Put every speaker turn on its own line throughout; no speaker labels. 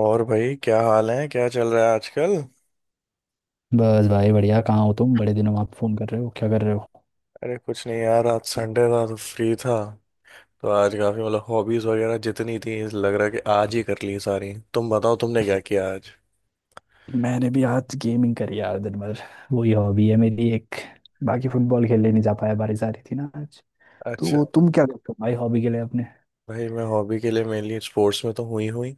और भाई, क्या हाल है? क्या चल रहा है आजकल?
बस भाई बढ़िया। कहाँ हो तुम? बड़े दिनों बाद फोन कर रहे हो। क्या कर रहे हो?
अरे कुछ नहीं यार, आज संडे था तो फ्री था। तो आज काफी, मतलब हॉबीज वगैरह जितनी थी, लग रहा है कि आज ही कर ली सारी। तुम बताओ, तुमने क्या किया आज?
मैंने भी आज गेमिंग करी यार दिन भर। वही हॉबी है मेरी एक। बाकी फुटबॉल खेलने नहीं जा पाया, बारिश आ रही थी ना आज।
अच्छा।
तो तुम क्या करते हो भाई हॉबी के लिए अपने?
भाई मैं हॉबी के लिए मेनली स्पोर्ट्स में तो हुई हुई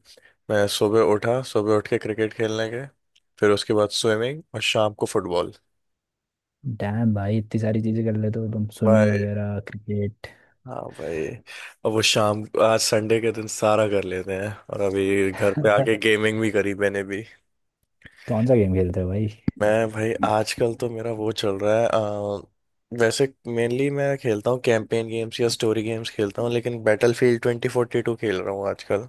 मैं सुबह उठा सुबह उठ के क्रिकेट खेलने गए। फिर उसके बाद स्विमिंग, और शाम को फुटबॉल।
डैम भाई, इतनी सारी चीजें कर लेते हो तुम, स्विमिंग
भाई।
वगैरह क्रिकेट।
हाँ भाई। अब वो शाम आज संडे के दिन सारा कर लेते हैं। और अभी घर पे आके गेमिंग भी करी मैंने भी।
कौन सा गेम खेलते हो भाई?
मैं भाई आजकल तो मेरा वो चल रहा है, वैसे मेनली मैं खेलता हूँ कैंपेन गेम्स या स्टोरी गेम्स खेलता हूँ, लेकिन बैटलफील्ड 2042 खेल रहा हूँ आजकल।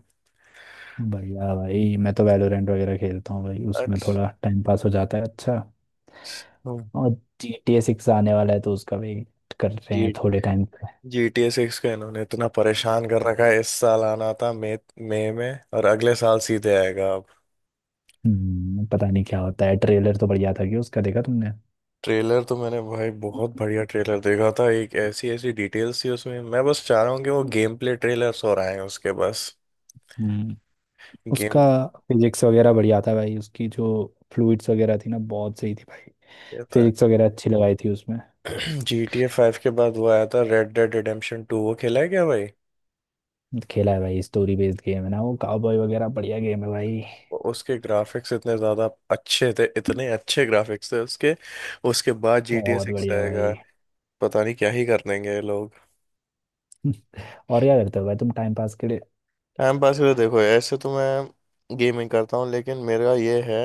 बढ़िया भाई, मैं तो वैलोरेंट वगैरह खेलता हूँ भाई, उसमें
अच्छा।
थोड़ा टाइम पास हो जाता है। अच्छा। और जी टी ए सिक्स आने वाला है तो उसका वेट कर रहे हैं
जी।
थोड़े time.
G T A six का इन्होंने इतना परेशान कर रखा है, इस साल आना था मई मई में, और अगले साल सीधे आएगा अब।
पता नहीं क्या होता है। ट्रेलर तो बढ़िया था, कि उसका देखा तुमने?
ट्रेलर तो मैंने भाई बहुत बढ़िया ट्रेलर देखा था, एक ऐसी ऐसी डिटेल्स थी उसमें। मैं बस चाह रहा हूँ कि वो गेम प्ले ट्रेलर्स और आए उसके बस।
हम्म उसका
गेम।
फिजिक्स वगैरह बढ़िया था भाई उसकी, जो फ्लूइड्स वगैरह थी ना बहुत सही थी भाई। फिजिक्स वगैरह अच्छी लगाई थी उसमें।
जी टी ए फाइव के बाद वो आया था रेड डेड रिडेम्पशन टू, वो खेला है क्या भाई?
खेला है भाई, स्टोरी बेस्ड गेम है ना वो, काउबॉय वगैरह, बढ़िया गेम है भाई।
उसके ग्राफिक्स इतने ज़्यादा अच्छे थे, इतने अच्छे ग्राफिक्स थे उसके। उसके बाद जी टी ए
बहुत
सिक्स
बढ़िया
आएगा।
भाई।
पता नहीं क्या ही कर देंगे ये लोग।
और क्या करते हो भाई तुम टाइम पास के लिए?
टाइम पास के लिए देखो, ऐसे तो मैं गेमिंग करता हूँ, लेकिन मेरा ये है।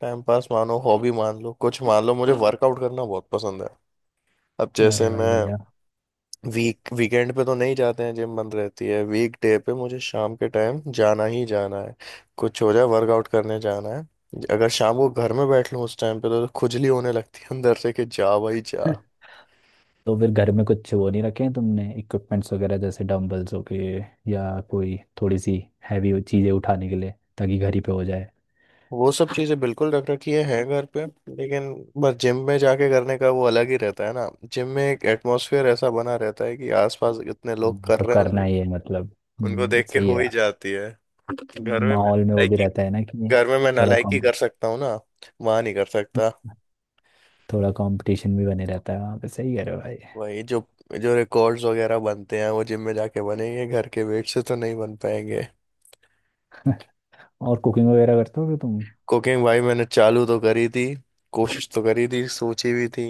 टाइम पास मानो, हॉबी मान लो, कुछ मान लो, मुझे वर्कआउट करना बहुत पसंद है। अब जैसे
अरे भाई,
मैं।
बढ़िया।
वीकेंड पे तो नहीं जाते हैं, जिम बंद रहती है। वीक डे पे मुझे शाम के टाइम जाना ही जाना है। कुछ हो जाए, वर्कआउट करने जाना है। अगर शाम को घर में बैठ लूँ उस टाइम पे, तो खुजली होने लगती है अंदर से कि जा भाई जा।
तो फिर घर में कुछ वो नहीं रखे हैं तुमने, इक्विपमेंट्स वगैरह, जैसे डंबल्स हो गए, या कोई थोड़ी सी हैवी चीज़ें उठाने के लिए, ताकि घर ही पे हो जाए?
वो सब चीज़ें बिल्कुल रख रखी हैं घर पे। लेकिन। बस जिम में जाके करने का वो अलग ही रहता है ना, जिम में एक एटमॉस्फेयर ऐसा बना रहता है कि आसपास इतने लोग कर
तो
रहे हैं,
करना
उनको
ही है मतलब।
उनको देख के
सही है
हो ही
यार।
जाती है। घर में मैं
माहौल में वो भी
नालायकी
रहता है ना कि,
घर में मैं
थोड़ा
नालायकी
कॉम,
कर सकता हूँ ना। वहां नहीं कर सकता।
थोड़ा कंपटीशन भी बने रहता है वहाँ पे, सही कह रहे हो भाई।
वही जो जो रिकॉर्ड्स वगैरह बनते हैं वो जिम में जाके बनेंगे, घर के वेट से तो नहीं बन पाएंगे।
और कुकिंग वगैरह करते होगे तुम?
कुकिंग भाई, मैंने चालू तो करी थी। कोशिश तो करी थी, सोची भी थी।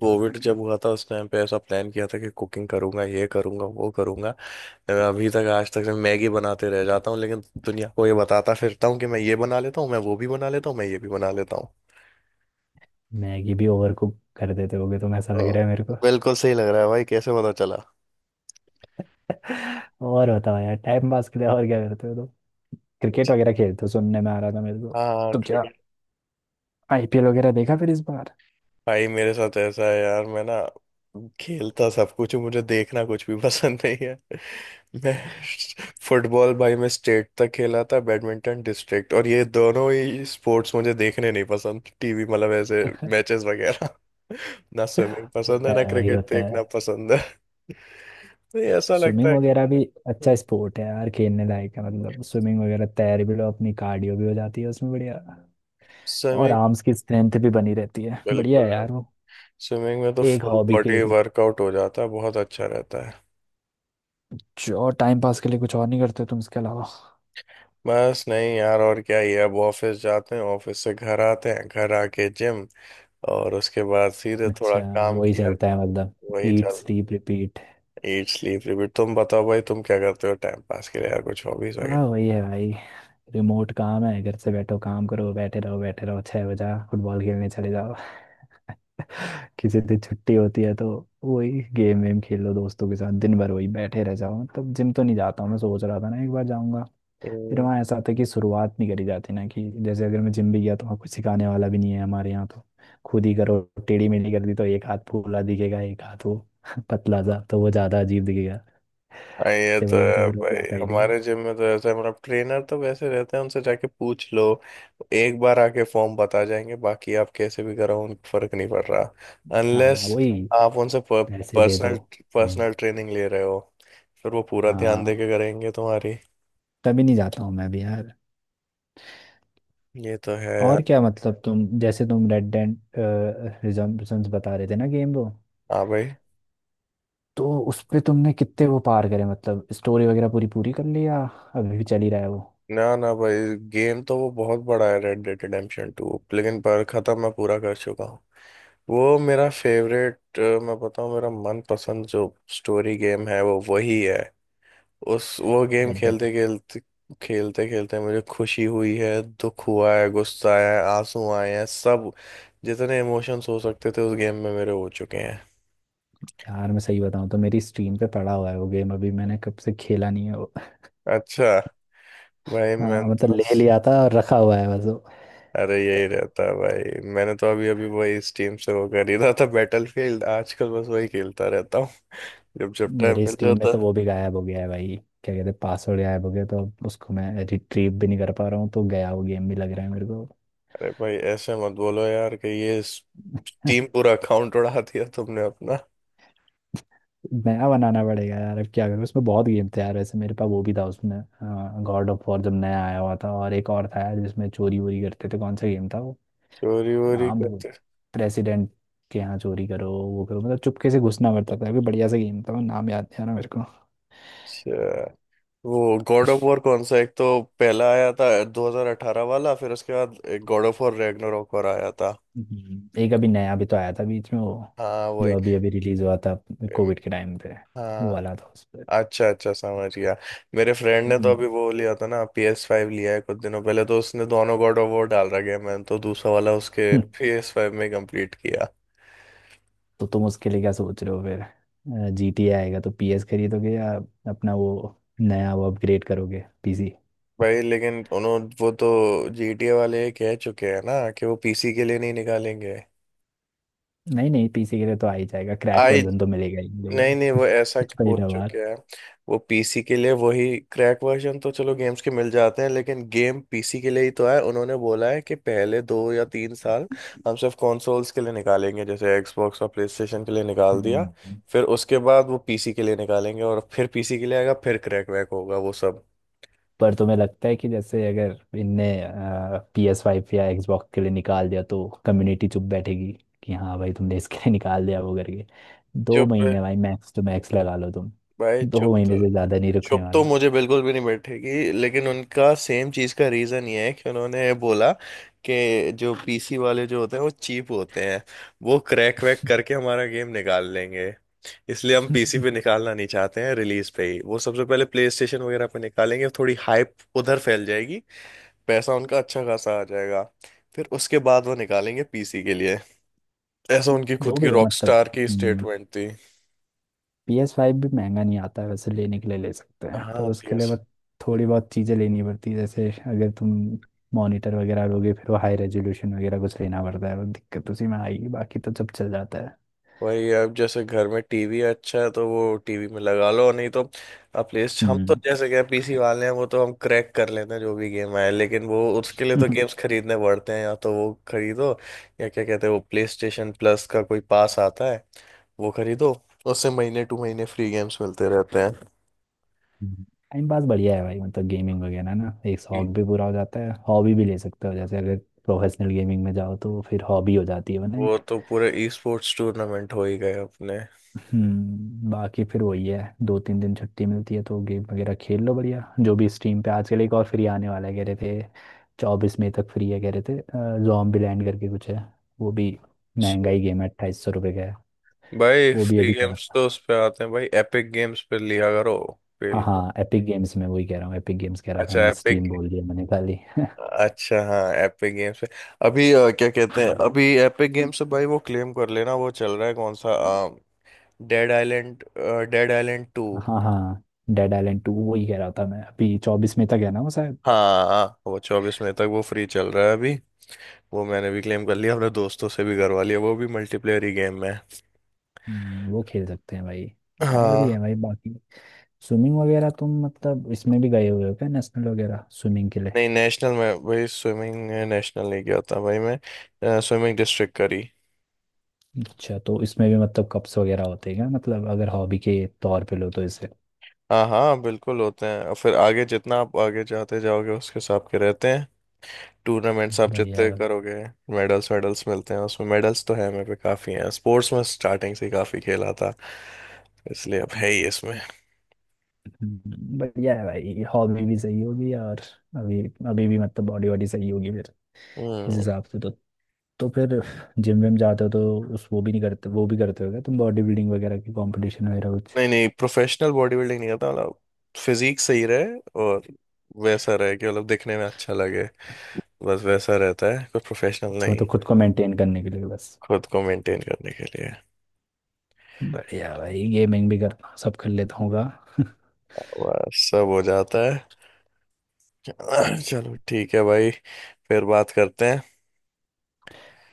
कोविड जब हुआ था उस टाइम पे, ऐसा प्लान किया था कि कुकिंग करूंगा, ये करूंगा, वो करूंगा। मैं अभी तक, आज तक मैं मैगी बनाते रह जाता हूँ, लेकिन दुनिया को ये बताता फिरता हूँ कि मैं ये बना लेता हूँ, मैं वो भी बना लेता हूँ, मैं ये भी बना लेता हूँ।
मैगी भी ओवर कुक कर देते होगे तुम, ऐसा लग
तो
रहा है मेरे को।
बिल्कुल सही लग रहा है भाई, कैसे पता चला?
और बताओ यार, टाइम पास के लिए और क्या करते हो तुम? क्रिकेट
अच्छा।
वगैरह खेलते हो, सुनने में आ रहा था मेरे को।
हाँ,
तो क्या
क्रिकेट।
आईपीएल वगैरह देखा फिर इस बार?
भाई मेरे साथ ऐसा है यार, मैं ना। खेलता सब कुछ हूँ, मुझे देखना कुछ भी पसंद नहीं है। मैं। फुटबॉल भाई मैं स्टेट तक खेला था, बैडमिंटन डिस्ट्रिक्ट, और ये दोनों ही स्पोर्ट्स मुझे देखने नहीं पसंद, टीवी मतलब ऐसे मैचेस वगैरह। ना स्विमिंग पसंद
होता
है, ना
है भाई,
क्रिकेट
होता
देखना
है।
पसंद है। तो ये ऐसा लगता
स्विमिंग
है।
वगैरह भी अच्छा
कि।
स्पोर्ट है यार, खेलने लायक है, मतलब स्विमिंग वगैरह तैर भी लो, अपनी कार्डियो भी हो जाती है उसमें, बढ़िया। और
स्विमिंग।
आर्म्स की स्ट्रेंथ भी बनी रहती है। बढ़िया
बिल्कुल।
है यार वो।
स्विमिंग में तो
एक
फुल
हॉबी के
बॉडी
रूप,
वर्कआउट हो जाता है, बहुत अच्छा रहता है।
जो टाइम पास के लिए कुछ और नहीं करते तुम इसके अलावा?
बस नहीं यार, और क्या ही है? अब ऑफिस जाते हैं, ऑफिस से घर आते हैं, घर आके जिम। और उसके बाद सीधे थोड़ा
अच्छा।
काम
वही
किया।
चलता है मतलब।
वही
ईट
चल।
Sleep repeat.
Eat sleep repeat. तुम बताओ भाई, तुम क्या करते हो टाइम पास के लिए यार, कुछ हॉबीज वगैरह?
हाँ वही है भाई। रिमोट काम है, घर से बैठो, काम करो, बैठे रहो बैठे रहो, 6 बजा फुटबॉल खेलने चले जाओ। किसी दिन छुट्टी होती है तो वही, गेम वेम खेल लो दोस्तों के साथ दिन भर, वही बैठे रह जाओ, मतलब जिम तो नहीं जाता हूँ मैं, सोच रहा था ना एक बार जाऊंगा। फिर
हम्म।
वहाँ ऐसा था कि शुरुआत नहीं करी जाती ना, कि जैसे अगर मैं जिम भी गया तो वहाँ कुछ सिखाने वाला भी नहीं है हमारे यहाँ, तो खुद ही करो, टेढ़ी मेढ़ी कर दी तो एक हाथ फूला दिखेगा, एक हाथ वो। पतला सा तो वो ज्यादा अजीब दिखेगा।
हाँ, ये
इससे
तो
बढ़िया तो
है
फिर वो
भाई,
जाता ही नहीं।
हमारे जिम में तो ऐसा है मतलब, ट्रेनर तो वैसे रहते हैं, उनसे जाके पूछ लो। एक बार आके फॉर्म बता जाएंगे, बाकी आप कैसे भी कराओ, उनको फर्क नहीं पड़ रहा।
हाँ
अनलेस
वही,
आप उनसे
पैसे दे दो।
पर्सनल
हम्म,
पर्सनल ट्रेनिंग ले रहे हो। फिर वो पूरा ध्यान दे
हाँ,
के करेंगे तुम्हारी।
तभी नहीं जाता हूँ मैं भी यार।
ये तो है
और
यार।
क्या, मतलब तुम, जैसे तुम रेड डेड रिडेम्पशन बता रहे थे ना गेम वो,
हाँ भाई।
तो उस पे तुमने कितने वो पार करे, मतलब स्टोरी वगैरह पूरी पूरी कर ली या अभी भी चल ही रहा है वो,
ना ना भाई, गेम तो वो बहुत बड़ा है रेड डेड रिडेम्पशन 2, लेकिन पर खत्म मैं पूरा कर चुका हूँ। वो मेरा फेवरेट। मैं बताऊँ मेरा मनपसंद जो स्टोरी गेम है वो वही है। उस वो गेम
रेड डेड?
खेलते खेलते मुझे खुशी हुई है। दुख हुआ है, गुस्सा आया है, आंसू आए हैं सब। जितने इमोशंस हो सकते थे उस गेम में मेरे हो चुके हैं।
यार मैं सही बताऊँ तो मेरी स्ट्रीम पे पड़ा हुआ है वो गेम, अभी मैंने कब से खेला नहीं है वो।
अच्छा। भाई मैं
हाँ मतलब
तो।
ले लिया था और रखा हुआ है बस।
अरे यही रहता है भाई, मैंने तो अभी अभी वही स्टीम से वो खरीदा था बैटलफील्ड, आजकल बस वही खेलता रहता हूँ। जब जब टाइम
मेरी
मिल
स्टीम में
जाता
तो वो
है।
भी गायब हो गया है भाई, क्या कहते हैं, पासवर्ड गायब हो गया तो अब उसको मैं रिट्रीव भी नहीं कर पा रहा हूँ, तो गया वो गेम भी लग रहा है मेरे को।
अरे भाई ऐसे मत बोलो यार कि ये स्टीम पूरा अकाउंट उड़ा दिया तुमने अपना।
नया बनाना पड़ेगा यार, अब क्या करूँ, उसमें बहुत गेम थे यार वैसे मेरे पास, वो भी था उसमें, गॉड ऑफ वॉर जब नया आया हुआ था, और एक और था यार जिसमें चोरी वोरी करते थे, कौन सा गेम था वो?
चोरी वोरी
नाम वो,
करते।
प्रेसिडेंट के यहाँ चोरी करो वो करो, मतलब चुपके से घुसना पड़ता था, अभी बढ़िया सा गेम था वो, नाम याद नहीं आ रहा मेरे।
अच्छा। वो गॉड ऑफ वॉर कौन सा? एक तो पहला आया था 2018 वाला, फिर उसके बाद एक गॉड ऑफ वॉर रैग्नारोक और आया था।
एक अभी नया भी तो आया था बीच में, वो
हाँ
जो
वही।
अभी अभी रिलीज हुआ था कोविड के टाइम पे, वो
हाँ।
वाला था उस पर।
अच्छा अच्छा, समझ गया। मेरे फ्रेंड ने तो
हम्म,
अभी वो लिया था ना PS5 फाइव, लिया है कुछ दिनों पहले, तो उसने दोनों गॉड ऑफ वॉर डाल रखे हैं, मैंने तो दूसरा वाला उसके PS5 फाइव में कंप्लीट किया।
तो तुम उसके लिए क्या सोच रहे हो फिर? जी टी आएगा तो पी एस खरीदोगे, या अपना वो, नया वो अपग्रेड करोगे पीसी?
भाई लेकिन उन्होंने वो तो GTA वाले कह चुके हैं ना कि वो पीसी के लिए नहीं निकालेंगे।
नहीं नहीं, पीसी के लिए तो आ ही जाएगा क्रैक
आई।
वर्जन, तो मिलेगा ही मिलेगा।
नहीं नहीं, वो ऐसा
कुछ
बोल
महीना
चुके
बाद।
हैं। वो पीसी के लिए वही क्रैक वर्जन तो चलो गेम्स के मिल जाते हैं, लेकिन गेम पीसी के लिए ही तो है, उन्होंने बोला है कि पहले 2 या 3 साल हम सिर्फ कंसोल्स के लिए निकालेंगे, जैसे एक्सबॉक्स और प्लेस्टेशन के लिए निकाल दिया।
हम्म,
फिर उसके बाद वो पीसी के लिए निकालेंगे, और फिर पीसी के लिए आएगा, फिर क्रैक वैक होगा वो सब।
पर तुम्हें लगता है कि, जैसे अगर इनने पी एस फाइव या Xbox के लिए निकाल दिया तो कम्युनिटी चुप बैठेगी? कि हाँ भाई तुमने इसके लिए निकाल दिया वो करके, दो
चुप
महीने भाई, मैक्स टू मैक्स लगा लो तुम,
भाई
दो
चुप
महीने
तो
से ज़्यादा नहीं रुकने
चुप तो
वाला।
मुझे बिल्कुल भी नहीं बैठेगी, लेकिन उनका सेम चीज का रीजन ये है कि उन्होंने बोला कि जो पीसी वाले जो होते हैं वो चीप होते हैं, वो क्रैक वैक करके हमारा गेम निकाल लेंगे, इसलिए हम पीसी पे निकालना नहीं चाहते हैं। रिलीज पे ही वो सबसे पहले प्ले स्टेशन वगैरह पे निकालेंगे, थोड़ी हाइप उधर फैल जाएगी, पैसा उनका अच्छा खासा आ जाएगा, फिर उसके बाद वो निकालेंगे पीसी के लिए। ऐसा उनकी खुद
जो
की
भी है मतलब,
रॉकस्टार की स्टेटमेंट थी।
पी एस फाइव भी महंगा नहीं आता है वैसे, लेने के लिए ले सकते हैं,
हाँ
पर उसके लिए
पीएस।
बस थोड़ी बहुत चीज़ें लेनी पड़ती है, जैसे अगर तुम मॉनिटर वगैरह लोगे फिर वो हाई रेजोल्यूशन वगैरह कुछ लेना पड़ता है, वो दिक्कत उसी में आएगी, बाकी तो सब चल जाता है।
वही अब जैसे घर में टीवी अच्छा है तो वो टीवी में लगा लो, नहीं तो। अब प्ले हम तो
हम्म।
जैसे क्या पीसी वाले हैं, वो तो हम क्रैक कर लेते हैं जो भी गेम आए, लेकिन वो उसके लिए तो गेम्स खरीदने पड़ते हैं, या तो वो खरीदो, या क्या कहते हैं, वो प्ले स्टेशन प्लस का कोई पास आता है, वो खरीदो, उससे महीने टू महीने फ्री गेम्स मिलते रहते हैं।
टाइम पास बढ़िया है भाई, मतलब गेमिंग वगैरह ना, एक
जी।
शौक भी पूरा हो जाता है, हॉबी भी ले सकते हो, जैसे अगर प्रोफेशनल गेमिंग में जाओ तो फिर हॉबी हो जाती है वो ना,
वो
एक।
तो पूरे ई स्पोर्ट्स टूर्नामेंट हो ही गए अपने।
बाकी फिर वही है, 2-3 दिन छुट्टी मिलती है तो गेम वगैरह खेल लो, बढ़िया। जो भी स्ट्रीम पे आजकल, एक और फ्री आने वाला है कह रहे थे, 24 मई तक फ्री है कह रहे थे, जॉम्बी लैंड करके कुछ है, वो भी
अच्छा।
महंगा ही गेम है, 2800 रुपये का है।
भाई
वो भी
फ्री
अभी कह रहा
गेम्स
था।
तो उस पे आते हैं भाई, एपिक गेम्स पे लिया करो
हाँ
खेल के।
हाँ, एपिक गेम्स में, वही कह रहा हूँ, एपिक गेम्स कह रहा था
अच्छा
मैं,
एपिक।
स्टीम बोल दिया मैंने खाली।
अच्छा हाँ, एपिक गेम्स पे अभी क्या कहते हैं, हाँ अभी एपिक गेम्स से भाई वो क्लेम कर लेना, वो चल रहा है कौन सा? Dead Island. Dead Island two.
हाँ हाँ, डेड आइलैंड टू, वही कह रहा था मैं, अभी 24 मई तक है ना वो शायद।
हाँ हाँ, वो 24 मई तक वो फ्री चल रहा है अभी। वो मैंने भी क्लेम कर लिया, अपने दोस्तों से भी करवा लिया, वो भी मल्टीप्लेयर ही गेम है।
वो खेल सकते हैं भाई। और भी
हाँ।
है भाई बाकी। स्विमिंग वगैरह तुम मतलब इसमें भी गए हुए हो क्या, नेशनल वगैरह स्विमिंग के लिए?
नहीं नेशनल में भाई, स्विमिंग नेशनल नहीं गया था भाई मैं, स्विमिंग डिस्ट्रिक्ट करी।
अच्छा। तो इसमें भी मतलब कप्स वगैरह होते हैं क्या, मतलब अगर हॉबी के तौर पे लो तो इसे?
हाँ हाँ, बिल्कुल होते हैं, और फिर आगे जितना आप आगे जाते जाओगे उसके हिसाब के रहते हैं। टूर्नामेंट्स आप
बढ़िया।
जितने करोगे मेडल्स, मेडल्स मिलते हैं उसमें। मेडल्स तो है मेरे पे काफ़ी हैं, स्पोर्ट्स में स्टार्टिंग से ही काफ़ी खेला था, इसलिए अब है ही इसमें।
बढ़िया है भाई, हॉबी भी सही होगी और, अभी, अभी भी मतलब बॉडी वॉडी सही होगी इस
हम्म।
हिसाब से तो। तो फिर जिम विम जाते हो तो, उस वो भी नहीं करते, वो भी करते हो क्या तुम, बॉडी बिल्डिंग वगैरह की कंपटीशन वगैरह कुछ?
नहीं नहीं, प्रोफेशनल बॉडी बिल्डिंग नहीं करता मतलब फिजिक सही रहे, और वैसा रहे कि मतलब दिखने में अच्छा लगे, बस वैसा रहता है, कोई प्रोफेशनल
अच्छा,
नहीं।
मतलब खुद को मेंटेन करने के लिए बस।
खुद को मेंटेन करने के लिए
बढ़िया भाई, गेमिंग भी करता हूँ सब कर लेता हूँ गा।
बस सब हो जाता है। चलो ठीक है भाई, फिर बात करते हैं।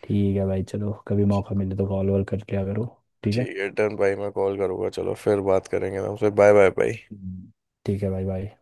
ठीक है भाई, चलो कभी मौका मिले तो कॉल वॉल कर लिया करो। ठीक है।
ठीक है डन भाई, मैं कॉल करूँगा, चलो फिर बात करेंगे तुमसे, बाय बाय भाई।
हम्म। ठीक है भाई, बाय।